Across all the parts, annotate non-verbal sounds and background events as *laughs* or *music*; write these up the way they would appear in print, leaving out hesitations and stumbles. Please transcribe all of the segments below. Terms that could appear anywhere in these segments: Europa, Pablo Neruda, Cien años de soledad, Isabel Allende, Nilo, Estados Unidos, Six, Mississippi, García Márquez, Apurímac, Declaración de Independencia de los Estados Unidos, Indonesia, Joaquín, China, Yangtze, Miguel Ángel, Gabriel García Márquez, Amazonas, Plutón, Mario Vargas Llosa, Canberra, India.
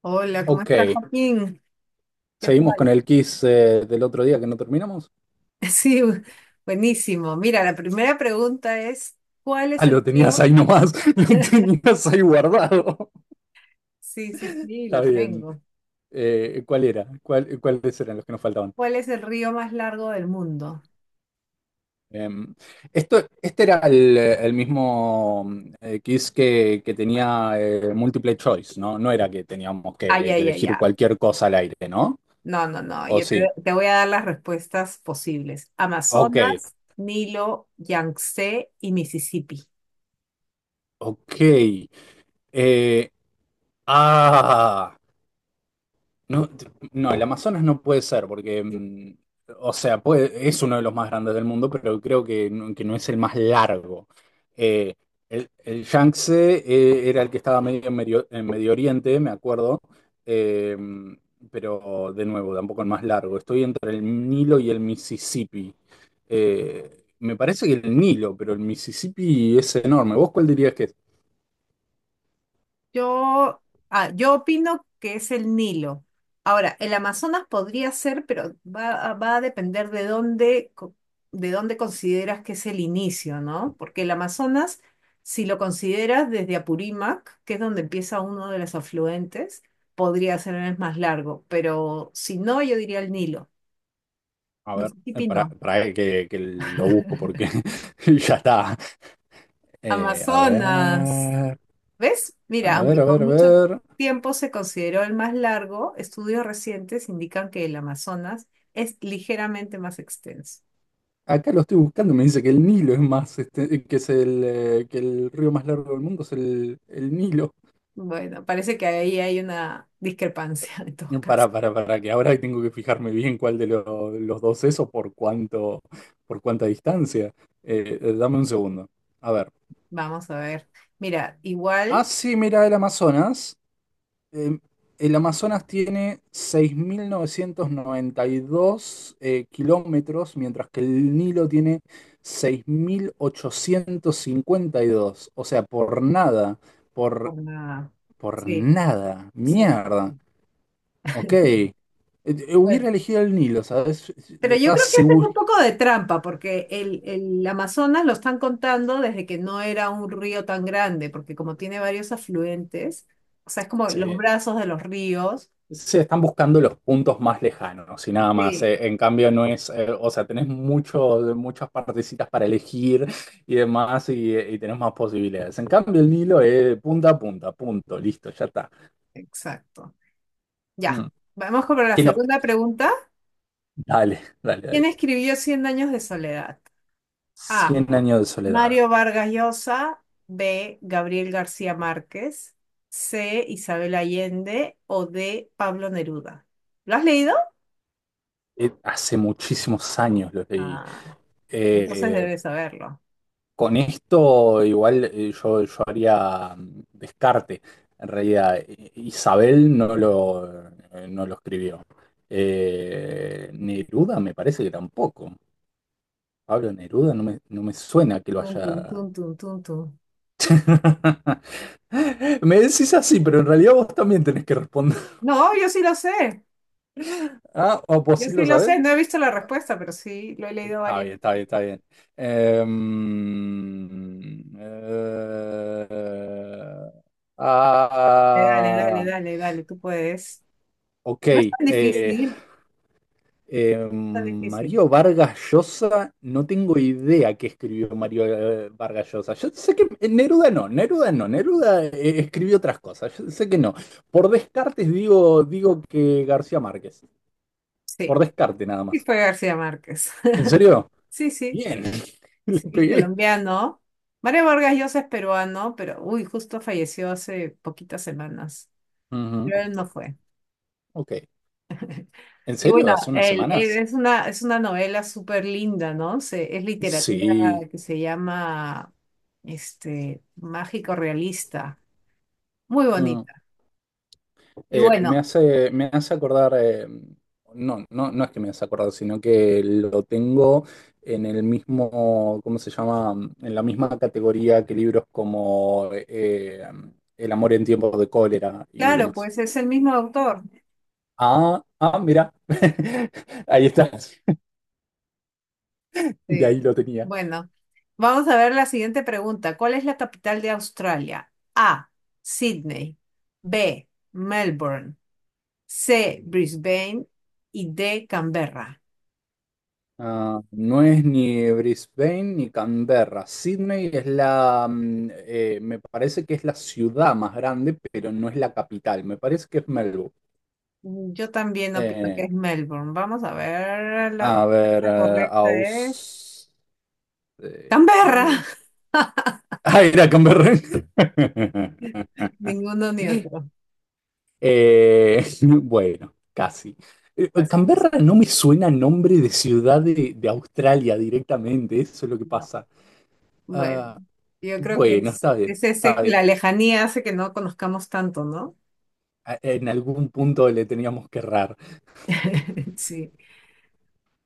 Hola, ¿cómo Ok, estás, Joaquín? ¿Qué seguimos tal? con el quiz del otro día que no terminamos. *laughs* Sí, buenísimo. Mira, la primera pregunta es, ¿cuál Ah, es el lo tenías río? ahí nomás, *laughs* lo tenías ahí guardado. Sí, sí, *laughs* sí, Está lo bien. tengo. ¿Cuál era? ¿Cuáles eran los que nos faltaban? ¿Cuál es el río más largo del mundo? Em, Esto, este era el mismo quiz que tenía multiple choice, ¿no? No era que teníamos Ay, que ay, ay, elegir ay. cualquier cosa al aire, ¿no? No, no, no. ¿O sí? Te voy a dar las respuestas posibles. Ok, Amazonas, Nilo, Yangtze y Mississippi. ok. Eh, ah. No, no, el Amazonas no puede ser, porque, o sea, es uno de los más grandes del mundo, pero creo que no es el más largo. Eh, el Yangtze, era el que estaba medio en Medio, en Medio Oriente, me acuerdo, eh, pero de nuevo, tampoco el más largo. Estoy entre el Nilo y el Mississippi. Me parece que el Nilo, pero el Mississippi es enorme. ¿Vos cuál dirías que es? Yo, yo opino que es el Nilo. Ahora, el Amazonas podría ser, pero va a depender de de dónde consideras que es el inicio, ¿no? Porque el Amazonas, si lo consideras desde Apurímac, que es donde empieza uno de los afluentes, podría ser el más largo, pero si no, yo diría el Nilo. A ver, Mississippi para, no. para que lo busco *laughs* porque *laughs* ya está. A Amazonas. ver, ¿Ves? Mira, a aunque ver, a por ver, a mucho ver. tiempo se consideró el más largo, estudios recientes indican que el Amazonas es ligeramente más extenso. Acá lo estoy buscando, me dice que el Nilo es más, este, que es que el río más largo del mundo es el Nilo. Bueno, parece que ahí hay una discrepancia *laughs* en todo No, caso. para que ahora tengo que fijarme bien cuál de los dos es o por cuánto, por cuánta distancia. Dame un segundo. A ver. Vamos a ver. Mira, Ah, igual sí, mira, el Amazonas. Em, el Amazonas tiene 6.992 kilómetros, mientras que el Nilo tiene 6.852. O sea, por nada, por, por la- por sí, nada, sí, mierda. sí. Ok. *laughs* Bueno, Hubiera elegido el Nilo, ¿sabes? pero yo Estaba creo que hacen seguro. un poco de trampa porque el Amazonas lo están contando desde que no era un río tan grande, porque como tiene varios afluentes, o sea, es como Sí, los brazos de los ríos. se están buscando los puntos más lejanos y nada más. Sí, En cambio, no es, o sea, tenés muchos muchas partecitas para elegir y demás y tenés más posibilidades. En cambio, el Nilo es punta a punta, punto, listo, ya está. exacto. Ya, Mm. vamos con la ¿Qué nos- segunda pregunta. Dale, dale, ¿Quién dale. escribió Cien años de soledad? A. Cien años de soledad. Mario Vargas Llosa. B. Gabriel García Márquez. C. Isabel Allende. O D. Pablo Neruda. ¿Lo has leído? Hace muchísimos años lo leí. Ah, entonces Eh, debes saberlo. Con esto igual yo haría descarte. En realidad, Isabel no lo escribió. Neruda me parece que tampoco. Pablo Neruda no me suena que lo Tun, tun, haya... tun, tun, tun, tun. *laughs* Me decís así, pero en realidad vos también tenés que responder. *laughs* No, yo sí lo sé. Ah, o vos Yo sí sí lo lo sabés. sé. No he visto la respuesta, pero sí lo he leído Está varias bien, está veces. bien, está bien. Em, eh, Dale, dale, ah. dale, dale. Tú puedes. Ok, No es tan difícil. Tan difícil. Mario Vargas Llosa, no tengo idea qué escribió Mario Vargas Llosa. Yo sé que Neruda no, Neruda escribió otras cosas, yo sé que no. Por descartes digo que García Márquez, por Sí. descarte nada Sí, más. fue García Márquez. ¿En *laughs* serio? Sí, sí, Bien, *laughs* le sí, es pegué. colombiano. Mario Vargas Llosa es peruano, pero uy, justo falleció hace poquitas semanas. Ujú. Pero él no fue. Ok, ¿en Y serio? bueno, ¿Hace unas él semanas? Es una novela súper linda, ¿no? Es literatura Sí. que se llama este, mágico realista. Muy Mm. bonita. Y me bueno, hace, me hace acordar, no, no, no es que me hace acordar, sino que lo tengo en el mismo, ¿cómo se llama? En la misma categoría que libros como El amor en tiempos de cólera y claro, demás. pues es el mismo autor. Ah, ah, mira, *laughs* ahí está, de Sí. ahí lo tenía. Bueno, vamos a ver la siguiente pregunta. ¿Cuál es la capital de Australia? A. Sydney. B. Melbourne. C. Brisbane. Y D. Canberra. Ah, no es ni Brisbane ni Canberra. Sydney me parece que es la ciudad más grande, pero no es la capital. Me parece que es Melbourne. Mm, yo también opino que Eh, es Melbourne. Vamos a ver. La a ver, respuesta correcta es eh, Canberra. eh, *laughs* ah, era Canberra. *laughs* *laughs* Ninguno ni otro. *laughs* Bueno, casi. Así, así, Canberra no me suena a nombre de ciudad de Australia directamente, eso es lo que no. pasa. Bueno, Ah, yo creo que bueno, está bien, es ese está que bien. la lejanía hace que no conozcamos tanto, ¿no? En algún punto le teníamos que errar. *laughs* Sí.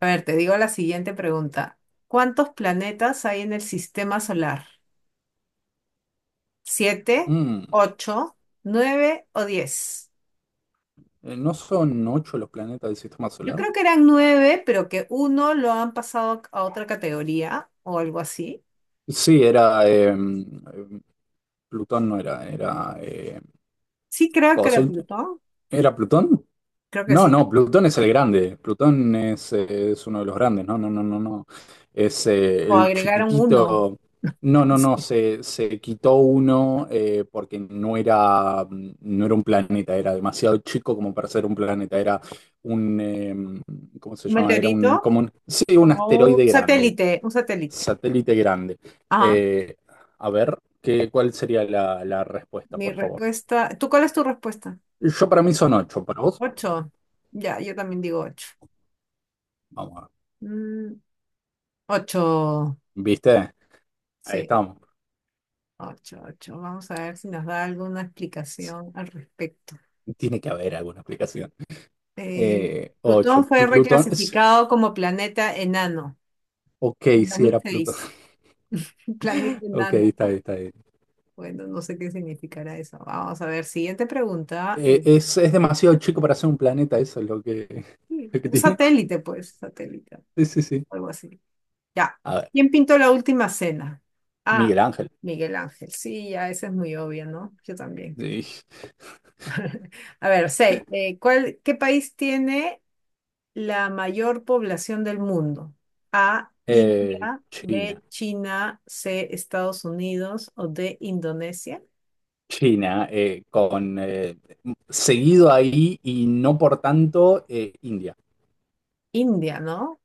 A ver, te digo la siguiente pregunta. ¿Cuántos planetas hay en el sistema solar? ¿Siete, Mm, ocho, nueve o diez? ¿No son ocho los planetas del sistema Yo solar? creo que eran nueve, pero que uno lo han pasado a otra categoría o algo así. Sí, era. Plutón no era. Sí, creo que era Cosel- Plutón. ¿Era Plutón? Creo que No, no, sí. Plutón es el grande. Plutón es uno de los grandes. No, no, no, no, no. Es O el agregaron uno. chiquitito. No, no, no. Se quitó uno porque no era un planeta. Era demasiado chico como para ser un planeta. Era un, ¿cómo *laughs* se Un llama? Era un, meteorito, como un, sí, un como asteroide un grande, satélite, un satélite. satélite grande. Ajá. Eh, a ver, ¿cuál sería la respuesta, Mi por favor? respuesta. ¿Tú cuál es tu respuesta? Yo para mí son ocho, ¿para vos? Ocho. Ya, yo también digo ocho. Vamos, a ver. Mm, ocho. ¿Viste? Ahí Sí. estamos. Ocho, ocho. Vamos a ver si nos da alguna explicación al respecto. Tiene que haber alguna explicación. Eh, Plutón Ocho, fue Plutón. reclasificado *laughs* como planeta enano Ok, en sí, era Plutón. 2006. *laughs* Un *laughs* planeta Ok, enano. está bien, está bien. Bueno, no sé qué significará eso. Vamos a ver. Siguiente pregunta. Es demasiado chico para ser un planeta, eso es lo que, Sí, lo que tiene. satélite, pues, satélite, Sí, sí, sí. algo así. Ya. A ver, ¿Quién pintó la última cena? Ah, Miguel Ángel. Miguel Ángel. Sí, ya, esa es muy obvia, ¿no? Yo también. Sí. A ver, seis. ¿Cuál, qué país tiene la mayor población del mundo? A, India, China. B, China, C, Estados Unidos o D, Indonesia. China, con seguido ahí y no por tanto India. India, ¿no?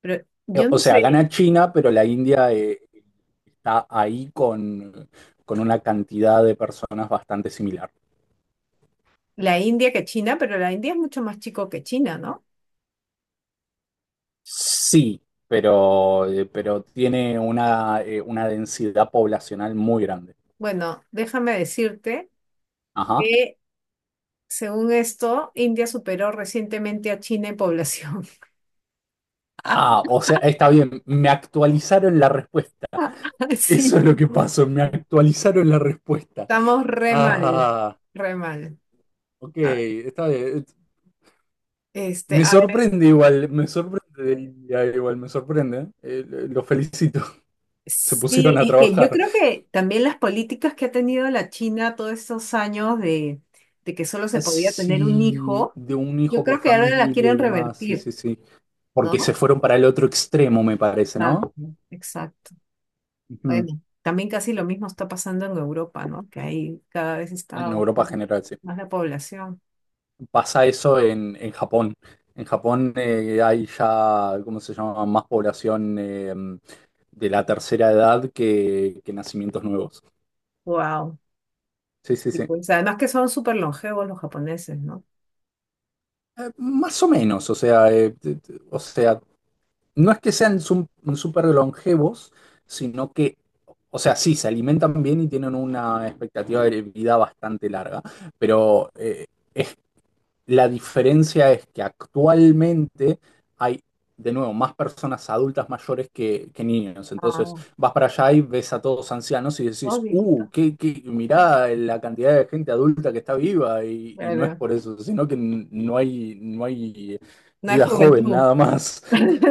Pero yo O no sea, sé, gana China, pero la India está ahí con una cantidad de personas bastante similar. la India que China, pero la India es mucho más chico que China, ¿no? Sí, pero tiene una densidad poblacional muy grande. Bueno, déjame decirte Ajá. que según esto, India superó recientemente a China en población. Ah, *laughs* o sea, está bien, me actualizaron la respuesta. *laughs* Eso Sí, es lo que pasó, me actualizaron la respuesta. estamos re mal, Ah, re mal. ok, A- está bien. Este, Me a sorprende igual, me sorprende del día, igual, me sorprende. Los felicito, *laughs* se sí, pusieron a es que yo trabajar. creo que también las políticas que ha tenido la China todos estos años de que solo se podía tener un Así, hijo, de un yo hijo por creo que ahora la familia y quieren demás, sí, revertir, sí, sí. Porque se ¿no? fueron para el otro extremo, me parece, Exacto, ¿no? exacto. Ujú. Bueno, también casi lo mismo está pasando en Europa, ¿no? Que ahí cada vez está En Europa en bajando general, sí. más la población. Pasa eso en Japón. En Japón hay ya, ¿cómo se llama? Más población de la tercera edad que nacimientos nuevos. Wow. Sí, sí, Y sí. pues además que son súper longevos los japoneses, ¿no? Más o menos, o sea, o sea, no es que sean súper longevos, sino que, o sea, sí, se alimentan bien y tienen una expectativa de vida bastante larga, pero es, la diferencia es que actualmente hay, de nuevo, más personas adultas mayores que niños. Entonces, Ah, vas para allá y ves a todos ancianos y oh, decís, viejito. Mirá la cantidad de gente adulta que está viva y no es Claro. por eso, sino que no hay No hay vida joven juventud. nada más. *laughs*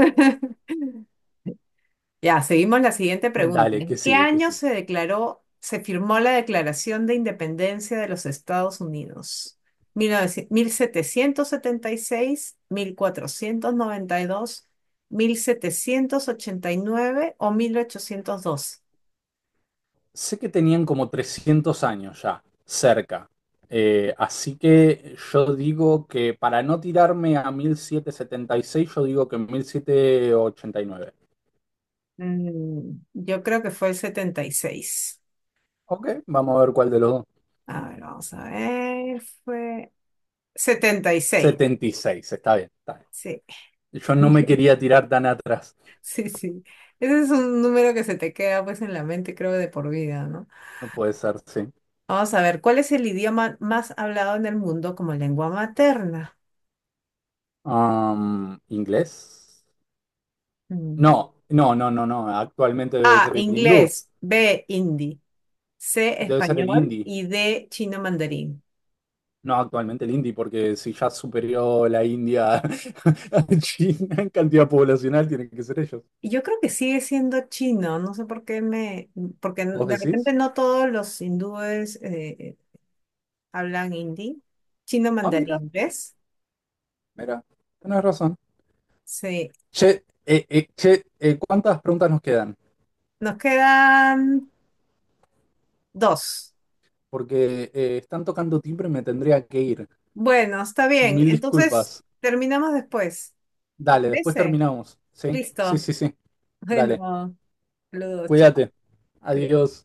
Ya, seguimos la siguiente pregunta. Dale, que ¿En qué sigue, que año sigue. se declaró, se firmó la Declaración de Independencia de los Estados Unidos? Mil setecientos setenta y seis, mil cuatrocientos noventa y dos, mil setecientos ochenta y nueve o 1802? Sé que tenían como 300 años ya, cerca. Así que yo digo que para no tirarme a 1776, yo digo que 1789. Mm, yo creo que fue el 76. Ok, vamos a ver cuál de los dos. A ver, vamos a ver. Fue 76. 76, está bien, está bien. Sí, Yo no me quería tirar tan atrás. *laughs* sí, sí. Ese es un número que se te queda pues en la mente, creo, de por vida, ¿no? No puede ser, sí. Vamos a ver, ¿cuál es el idioma más hablado en el mundo como lengua materna? ¿Inglés? No, Mm. no, no, no, no. Actualmente debe A, ser el hindú. inglés, B, hindi, C, Debe ser el español hindi. y D, chino mandarín. No, actualmente el indie, porque si ya superó la India *laughs* a China en cantidad poblacional, tienen que ser ellos. Y yo creo que sigue siendo chino, no sé por qué me, porque ¿Vos de repente decís? no todos los hindúes hablan hindi. Chino Ah, mira, mandarín, ¿ves? mira, tenés razón. Sí, Che, che, ¿cuántas preguntas nos quedan? nos quedan dos. Porque están tocando timbre y me tendría que ir. Bueno, está bien, Mil entonces disculpas. terminamos después, ¿te Dale, después parece? terminamos. Sí, sí, Listo. sí, sí. Dale, Bueno. Los dos, chao, cuídate. creo. Adiós.